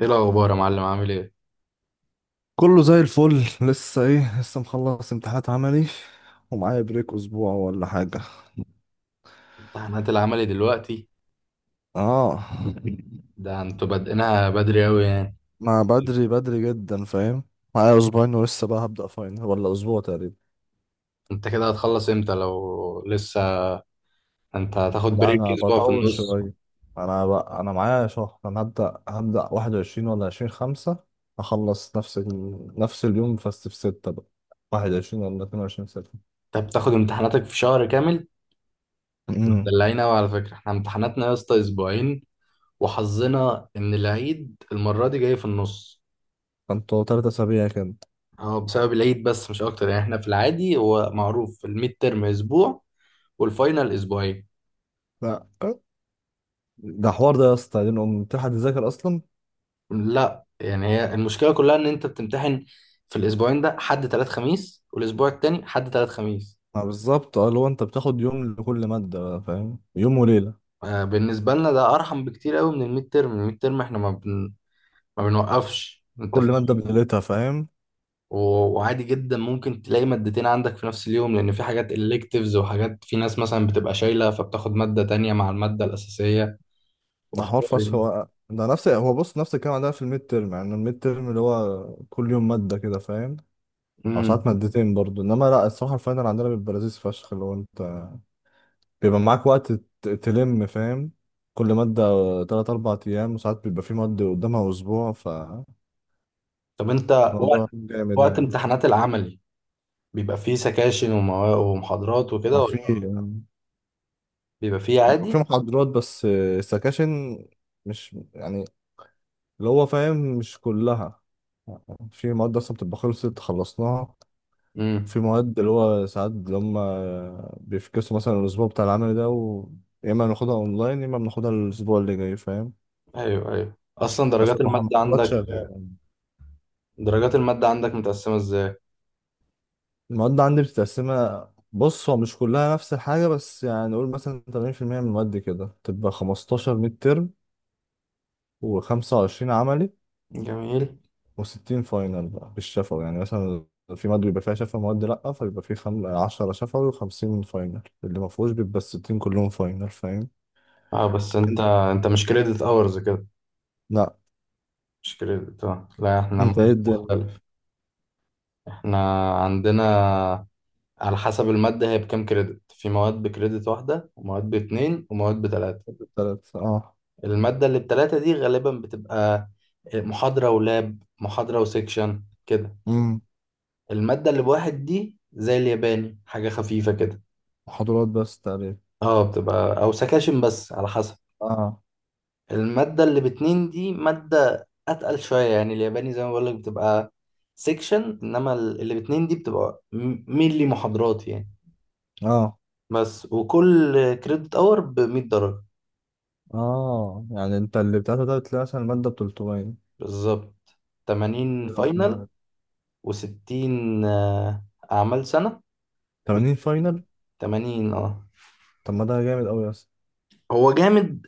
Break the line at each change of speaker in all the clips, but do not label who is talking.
ايه الاخبار يا معلم؟ عامل ايه؟
كله زي الفل، لسه مخلص امتحانات عملي، ومعايا بريك اسبوع ولا حاجة.
امتحانات العملي دلوقتي؟
اه.
ده انتوا بادئينها بدري اوي يعني.
ما بدري، بدري جدا، فاهم؟ معايا اسبوعين، ولسه بقى هبدأ فاينل ولا اسبوع تقريبا.
انت كده هتخلص امتى لو لسه؟ انت هتاخد
لا،
بريك
انا
اسبوع في
بطول
النص؟
شوية. انا بقى، انا معايا شهر. انا هبدأ 21 ولا عشرين خمسة. اخلص نفس نفس اليوم، بس في ستة بقى. 21 ولا 22 ستة.
انت بتاخد امتحاناتك في شهر كامل؟
امم.
مدلعين اوي على فكره. احنا امتحاناتنا يا اسطى اسبوعين، وحظنا ان العيد المره دي جاي في النص.
كنتوا 3 أسابيع كده.
هو بسبب العيد بس مش اكتر، يعني احنا في العادي هو معروف الميد ترم اسبوع والفاينل اسبوعين.
لا، ده حوار ده يا اسطى، دي نقوم تلحق تذاكر أصلا.
لا يعني هي المشكله كلها ان انت بتمتحن في الاسبوعين. ده حد تلات خميس والاسبوع التاني حد تلات خميس.
ما بالظبط، اه، اللي هو انت بتاخد يوم لكل مادة بقى، فاهم؟ يوم وليلة.
آه، بالنسبه لنا ده ارحم بكتير قوي من الميد ترم. الميد ترم احنا ما بنوقفش، انت
كل مادة
فاهم.
بليلتها، فاهم؟
و- وعادي جدا ممكن تلاقي مادتين عندك في نفس اليوم، لان في حاجات electives وحاجات، في ناس مثلا بتبقى شايله فبتاخد ماده تانية مع الماده الاساسيه.
ده حوار
وحوار
فشخ.
يعني.
هو ده نفس هو بص نفس الكلام عندنا في الميد تيرم، يعني الميد تيرم اللي هو كل يوم مادة كده، فاهم؟ أو
امم.
ساعات مادتين برضو. إنما لأ، الصراحة الفاينل عندنا بيبقى لذيذ فشخ، اللي هو أنت بيبقى معاك وقت تلم، فاهم؟ كل مادة 3 4 أيام، وساعات بيبقى في مادة قدامها أسبوع، فالموضوع
طب انت، وقت
جامد
وقت
يعني.
امتحانات العملي بيبقى فيه سكاشن ومحاضرات وكده،
ما
ولا
في،
بيبقى فيه
في
عادي؟
محاضرات بس، السكاشن مش، يعني اللي هو فاهم، مش كلها. في مواد اصلا بتبقى خلصناها. في
امم.
مواد اللي هو ساعات اللي هم بيفكسوا مثلا الاسبوع بتاع العمل ده، يا اما ناخدها اونلاين يا اما بناخدها الاسبوع اللي جاي، فاهم؟
ايوه ايوه، اصلا
بس
درجات المادة
المحاضرات
عندك،
شغاله.
درجات المادة عندك متقسمة ازاي؟
المواد عندي بتتقسمها، بص هو مش كلها نفس الحاجه، بس يعني نقول مثلا 80% من المواد كده تبقى 15 ميد ترم و25 عملي
جميل.
و60 فاينل بقى بالشفوي، يعني مثلا في مادة بيبقى فيها شفا، مواد لأ، فبيبقى في 10 شفوي و50 فاينل. اللي ما فيهوش بيبقى الستين كلهم فاينل، فاهم؟
اه بس انت
انت
انت مش كريدت اورز كده؟
لأ.
مش كريدت، اه لا احنا
انت ايه
مود
الدنيا؟
مختلف. احنا عندنا على حسب المادة هي بكام كريدت، في مواد بكريدت واحدة ومواد باتنين ومواد بتلاتة.
التلات، اه.
المادة اللي بتلاتة دي غالبا بتبقى محاضرة ولاب، محاضرة وسيكشن كده.
امم.
المادة اللي بواحد دي زي الياباني، حاجة خفيفة كده.
محاضرات بس تقريبا.
اه، بتبقى او سكاشن بس على حسب.
اه.
المادة اللي باتنين دي مادة أتقل شوية، يعني الياباني زي ما بقولك بتبقى سيكشن، إنما اللي باتنين دي بتبقى مينلي محاضرات يعني.
اه.
بس، وكل كريدت أور بمية درجة.
اه يعني، انت اللي بتاعتها ده بتلاقي مثلا المادة ب 300
بالظبط. تمانين
بيبقى
فاينل وستين، آه، أعمال سنة
80 فاينل.
وتمانين اه.
طب ما ده جامد قوي اصلا.
هو جامد،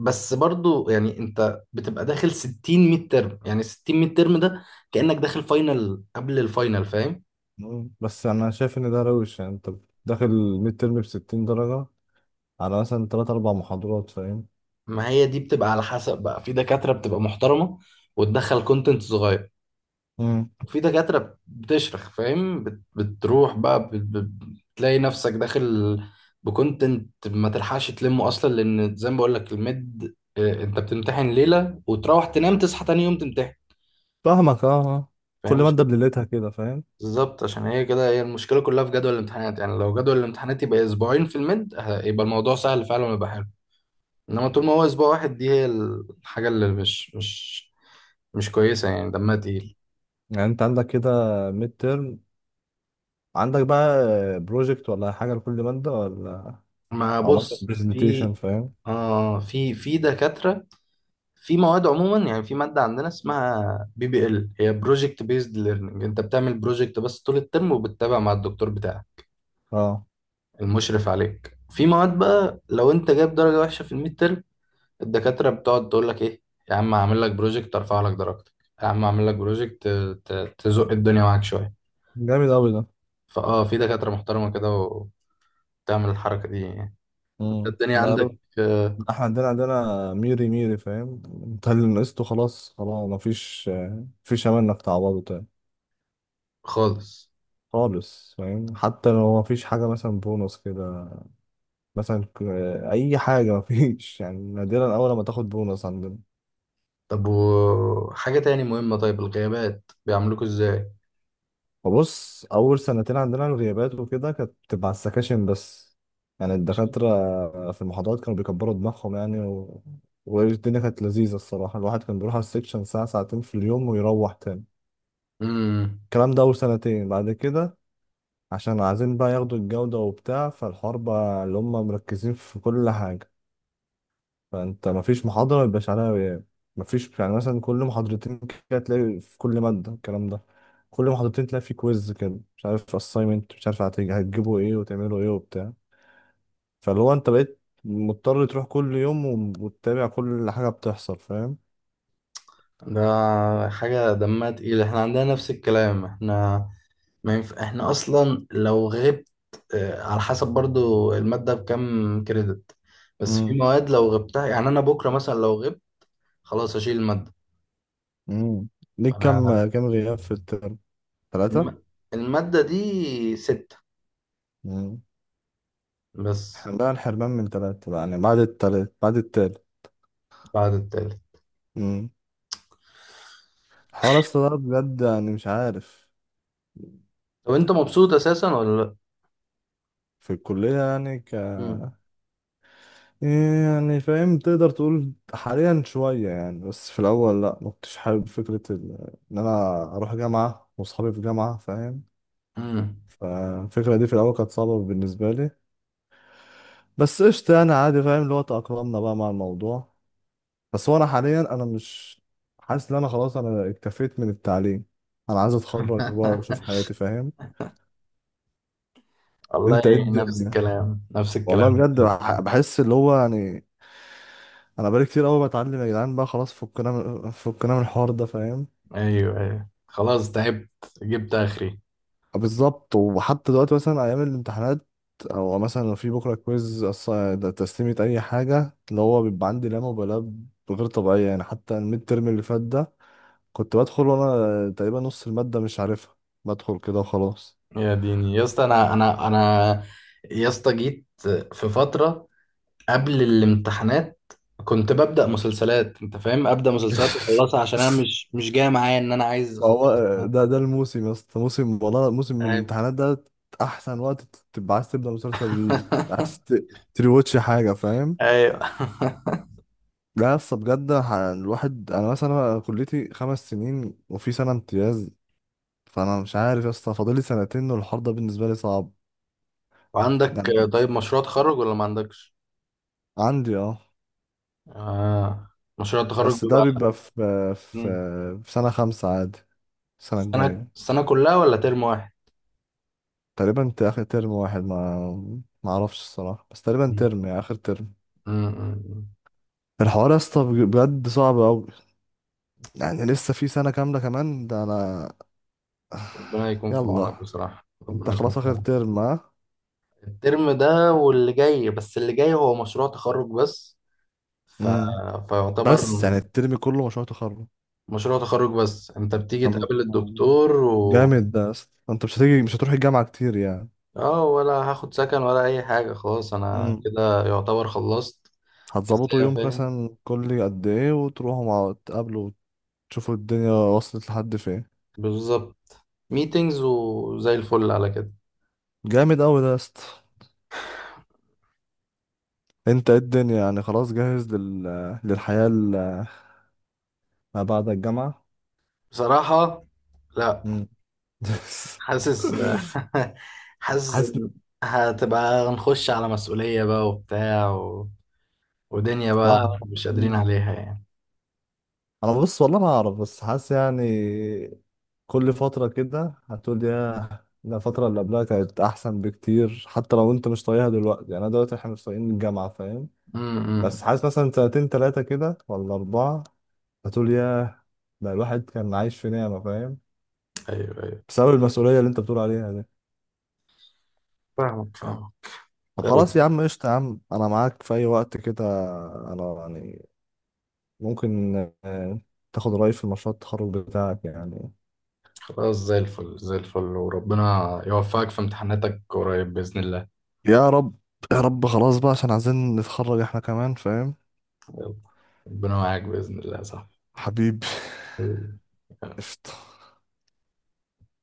بس برضو يعني انت بتبقى داخل ستين ميد ترم، يعني ستين ميد ترم ده كأنك داخل فاينل قبل الفاينل، فاهم.
مم. بس انا شايف ان ده روش، يعني انت داخل الميد ترم ب 60 درجة على مثلا 3 4 محاضرات، فاهم؟
ما هي دي بتبقى على حسب بقى، في دكاترة بتبقى محترمة وتدخل كونتنت صغير، وفي دكاترة بتشرخ، فاهم، بتروح بقى، بتلاقي نفسك داخل بكونتنت ما تلحقش تلمه اصلا، لان زي ما بقول لك الميد، آه، انت بتمتحن ليلة وتروح تنام تصحى تاني يوم تمتحن.
فاهمك، اه، آه. كل
فاهم
مادة بليلتها كده، فاهم؟
بالظبط، عشان هي كده هي المشكلة كلها في جدول الامتحانات. يعني لو جدول الامتحانات يبقى اسبوعين في الميد يبقى الموضوع سهل فعلا ويبقى حلو، انما طول ما هو اسبوع واحد دي هي الحاجه اللي مش كويسه يعني، دمها تقيل.
يعني انت عندك كده ميد ترم، عندك بقى بروجكت ولا حاجة لكل مادة، ولا
ما
او مثلا
بص،
برزنتيشن،
في،
فاهم؟
آه، في دكاتره، في مواد عموما يعني، في ماده عندنا اسمها بي بي ال، هي بروجكت بيزد ليرنينج. انت بتعمل بروجكت بس طول الترم، وبتتابع مع الدكتور بتاعك
اه،
المشرف عليك. في مواد بقى لو انت جايب درجه وحشه في الميد ترم، الدكاتره بتقعد تقول لك ايه: يا عم هعمل لك بروجكت ارفع لك درجتك، يا عم هعمل لك بروجكت، تزق الدنيا معاك شويه.
جامد اوي ده.
في دكاترة محترمة كده وبتعمل الحركة دي يعني. انت
امم.
الدنيا
لا،
عندك، آه،
احنا عندنا ميري ميري، فاهم؟ انت اللي نقصته، خلاص خلاص، مفيش، مفيش امل انك تعوضه تاني.
خالص.
خالص، فاهم؟ حتى لو مفيش حاجة مثلا بونص كده، مثلا اي حاجة، مفيش يعني. نادرا اول ما تاخد بونص عندنا.
طب وحاجة تاني مهمة، طيب الغيابات بيعملوكوا ازاي؟
وبص، اول سنتين عندنا الغيابات وكده كانت بتبقى على السكاشن بس، يعني
ماشي.
الدكاترة في المحاضرات كانوا بيكبروا دماغهم يعني، والدنيا كانت لذيذة الصراحة. الواحد كان بيروح على السكشن ساعة ساعتين في اليوم ويروح تاني.
امم.
الكلام ده أول سنتين. بعد كده، عشان عايزين بقى ياخدوا الجودة وبتاع، فالحوار بقى اللي هم مركزين في كل حاجة، فانت مفيش محاضرة ما يبقاش عليها غياب، مفيش يعني مثلا كل محاضرتين كده تلاقي في كل مادة الكلام ده. كل محاضرتين تلاقي في كويز كده، مش عارف assignment، مش عارف هتجيبوا ايه وتعملوا ايه وبتاع، فاللي هو انت بقيت مضطر تروح كل يوم، وتتابع كل حاجة بتحصل، فاهم؟
ده حاجة دمها تقيل، احنا عندنا نفس الكلام. احنا ما ينف... احنا اصلا لو غبت، آه، على حسب برضو المادة بكام كريدت، بس في
امم.
مواد لو غبتها، يعني انا بكرة مثلا لو غبت خلاص اشيل المادة.
امم. ليك
فانا
كام كام غياب في الترم؟ 3.
الم... المادة دي ستة
امم.
بس.
احنا بقى الحرمان من 3 بقى، يعني بعد التالت، بعد التالت.
بعد التالت.
امم. حوار اصلا ده بجد، يعني مش عارف.
طب انت مبسوط اساسا ولا لا؟
في الكلية، يعني
مم.
إيه يعني؟ فاهم، تقدر تقول حاليا شوية يعني، بس في الأول لأ، ما كنتش حابب فكرة إن أنا أروح جامعة وأصحابي في جامعة، فاهم؟
امم.
فالفكرة دي في الأول كانت صعبة بالنسبة لي، بس قشطة يعني، عادي، فاهم؟ اللي هو تأقلمنا بقى مع الموضوع. بس هو أنا حاليا أنا مش حاسس إن أنا خلاص، أنا اكتفيت من التعليم. أنا عايز أتخرج بقى وأشوف حياتي، فاهم؟
والله،
أنت إيه
نفس
الدنيا؟
الكلام نفس
والله
الكلام.
بجد، بحس اللي هو يعني أنا بقالي كتير أوي بتعلم يا جدعان، بقى خلاص، فكنا من الحوار ده، فاهم؟
ايوه ايوه، خلاص تعبت، جبت اخري.
بالظبط. وحتى دلوقتي مثلا ايام الامتحانات، او مثلا لو في بكره كويز، ده تسليمه اي حاجه، اللي هو بيبقى عندي لا مبالاه غير طبيعيه، يعني حتى الميد ترم اللي فات ده كنت بدخل وانا تقريبا نص الماده مش عارفها، بدخل كده وخلاص.
يا ديني يا اسطى، انا يا اسطى جيت في فتره قبل الامتحانات كنت ببدا مسلسلات، انت فاهم، ابدا مسلسلات واخلصها، عشان انا مش جاي معايا ان انا عايز
ما هو
اخلص.
ده الموسم يا اسطى، موسم والله، موسم من
ايوه
الامتحانات ده احسن وقت تبقى عايز تبدا مسلسل جديد، عايز تريواتش حاجه، فاهم؟
ايوه.
لا يا اسطى، بجد الواحد، انا مثلا، أنا كليتي 5 سنين وفي سنه امتياز، فانا مش عارف يا اسطى، فاضلي سنتين، والحوار ده بالنسبه لي صعب
وعندك
يعني.
طيب مشروع تخرج ولا ما عندكش؟
عندي، اه.
آه. مشروع التخرج.
بس ده بيبقى في، في
مم.
في سنه خمسة عادي، السنه
السنة
الجايه.
السنة كلها ولا ترم واحد؟
تقريبا انت اخر ترم واحد، ما اعرفش الصراحه، بس تقريبا
مم.
ترم يعني اخر ترم.
مم.
الحوار يا اسطى بجد صعب قوي يعني، لسه في سنه كامله كمان. ده انا.
ربنا يكون في عونك
يلا.
بصراحة،
انت
ربنا يكون
خلاص
في
اخر
عونك.
ترم؟ ها.
الترم ده واللي جاي بس، اللي جاي هو مشروع تخرج بس، ف...
امم.
فيعتبر
بس يعني الترم كله مشروع تخرج.
مشروع تخرج بس. انت بتيجي
طب،
تقابل الدكتور و...
جامد ده يا اسطى. انت مش هتروح الجامعه كتير يعني.
اه، ولا هاخد سكن ولا اي حاجة، خلاص انا
مم.
كده يعتبر خلصت. بس
هتظبطوا
يا
يوم
فاهم،
مثلا كل قد ايه وتروحوا مع تقابلوا وتشوفوا الدنيا وصلت لحد فين.
بالظبط، ميتينجز وزي الفل على كده.
جامد اوي ده يا اسطى. انت ايه الدنيا؟ يعني خلاص جاهز للحياة ما بعد الجامعة.
بصراحة لا،
مم.
حاسس حاسس
حاسس إن.
إن هتبقى، هنخش على مسؤولية بقى وبتاع و... ودنيا بقى مش قادرين
مم.
عليها يعني.
انا بص، والله ما اعرف، بس حاسس يعني كل فترة كده هتقول، يا لا، الفترة اللي قبلها كانت احسن بكتير. حتى لو انت مش طايقها دلوقتي، يعني انا دلوقتي، احنا مش طايقين الجامعة، فاهم؟ بس
امم.
حاسس مثلا سنتين تلاتة كده ولا أربعة هتقول ياه، ده الواحد كان عايش في نعمة، فاهم؟
ايوه ايوه،
بسبب المسؤولية اللي انت بتقول عليها دي.
فاهمك فاهمك.
طب
يلا،
خلاص يا عم، قشطة يا عم، انا معاك في اي وقت كده. انا يعني ممكن، آه، تاخد رأيي في مشروع التخرج بتاعك يعني.
خلاص زي الفل زي الفل، وربنا يوفقك في امتحاناتك قريب بإذن الله.
يا رب. يا رب. خلاص بقى، عشان عايزين نتخرج احنا كمان، فاهم؟
يلا. ربنا معاك بإذن الله.
حبيبي.
صح.
قشطة.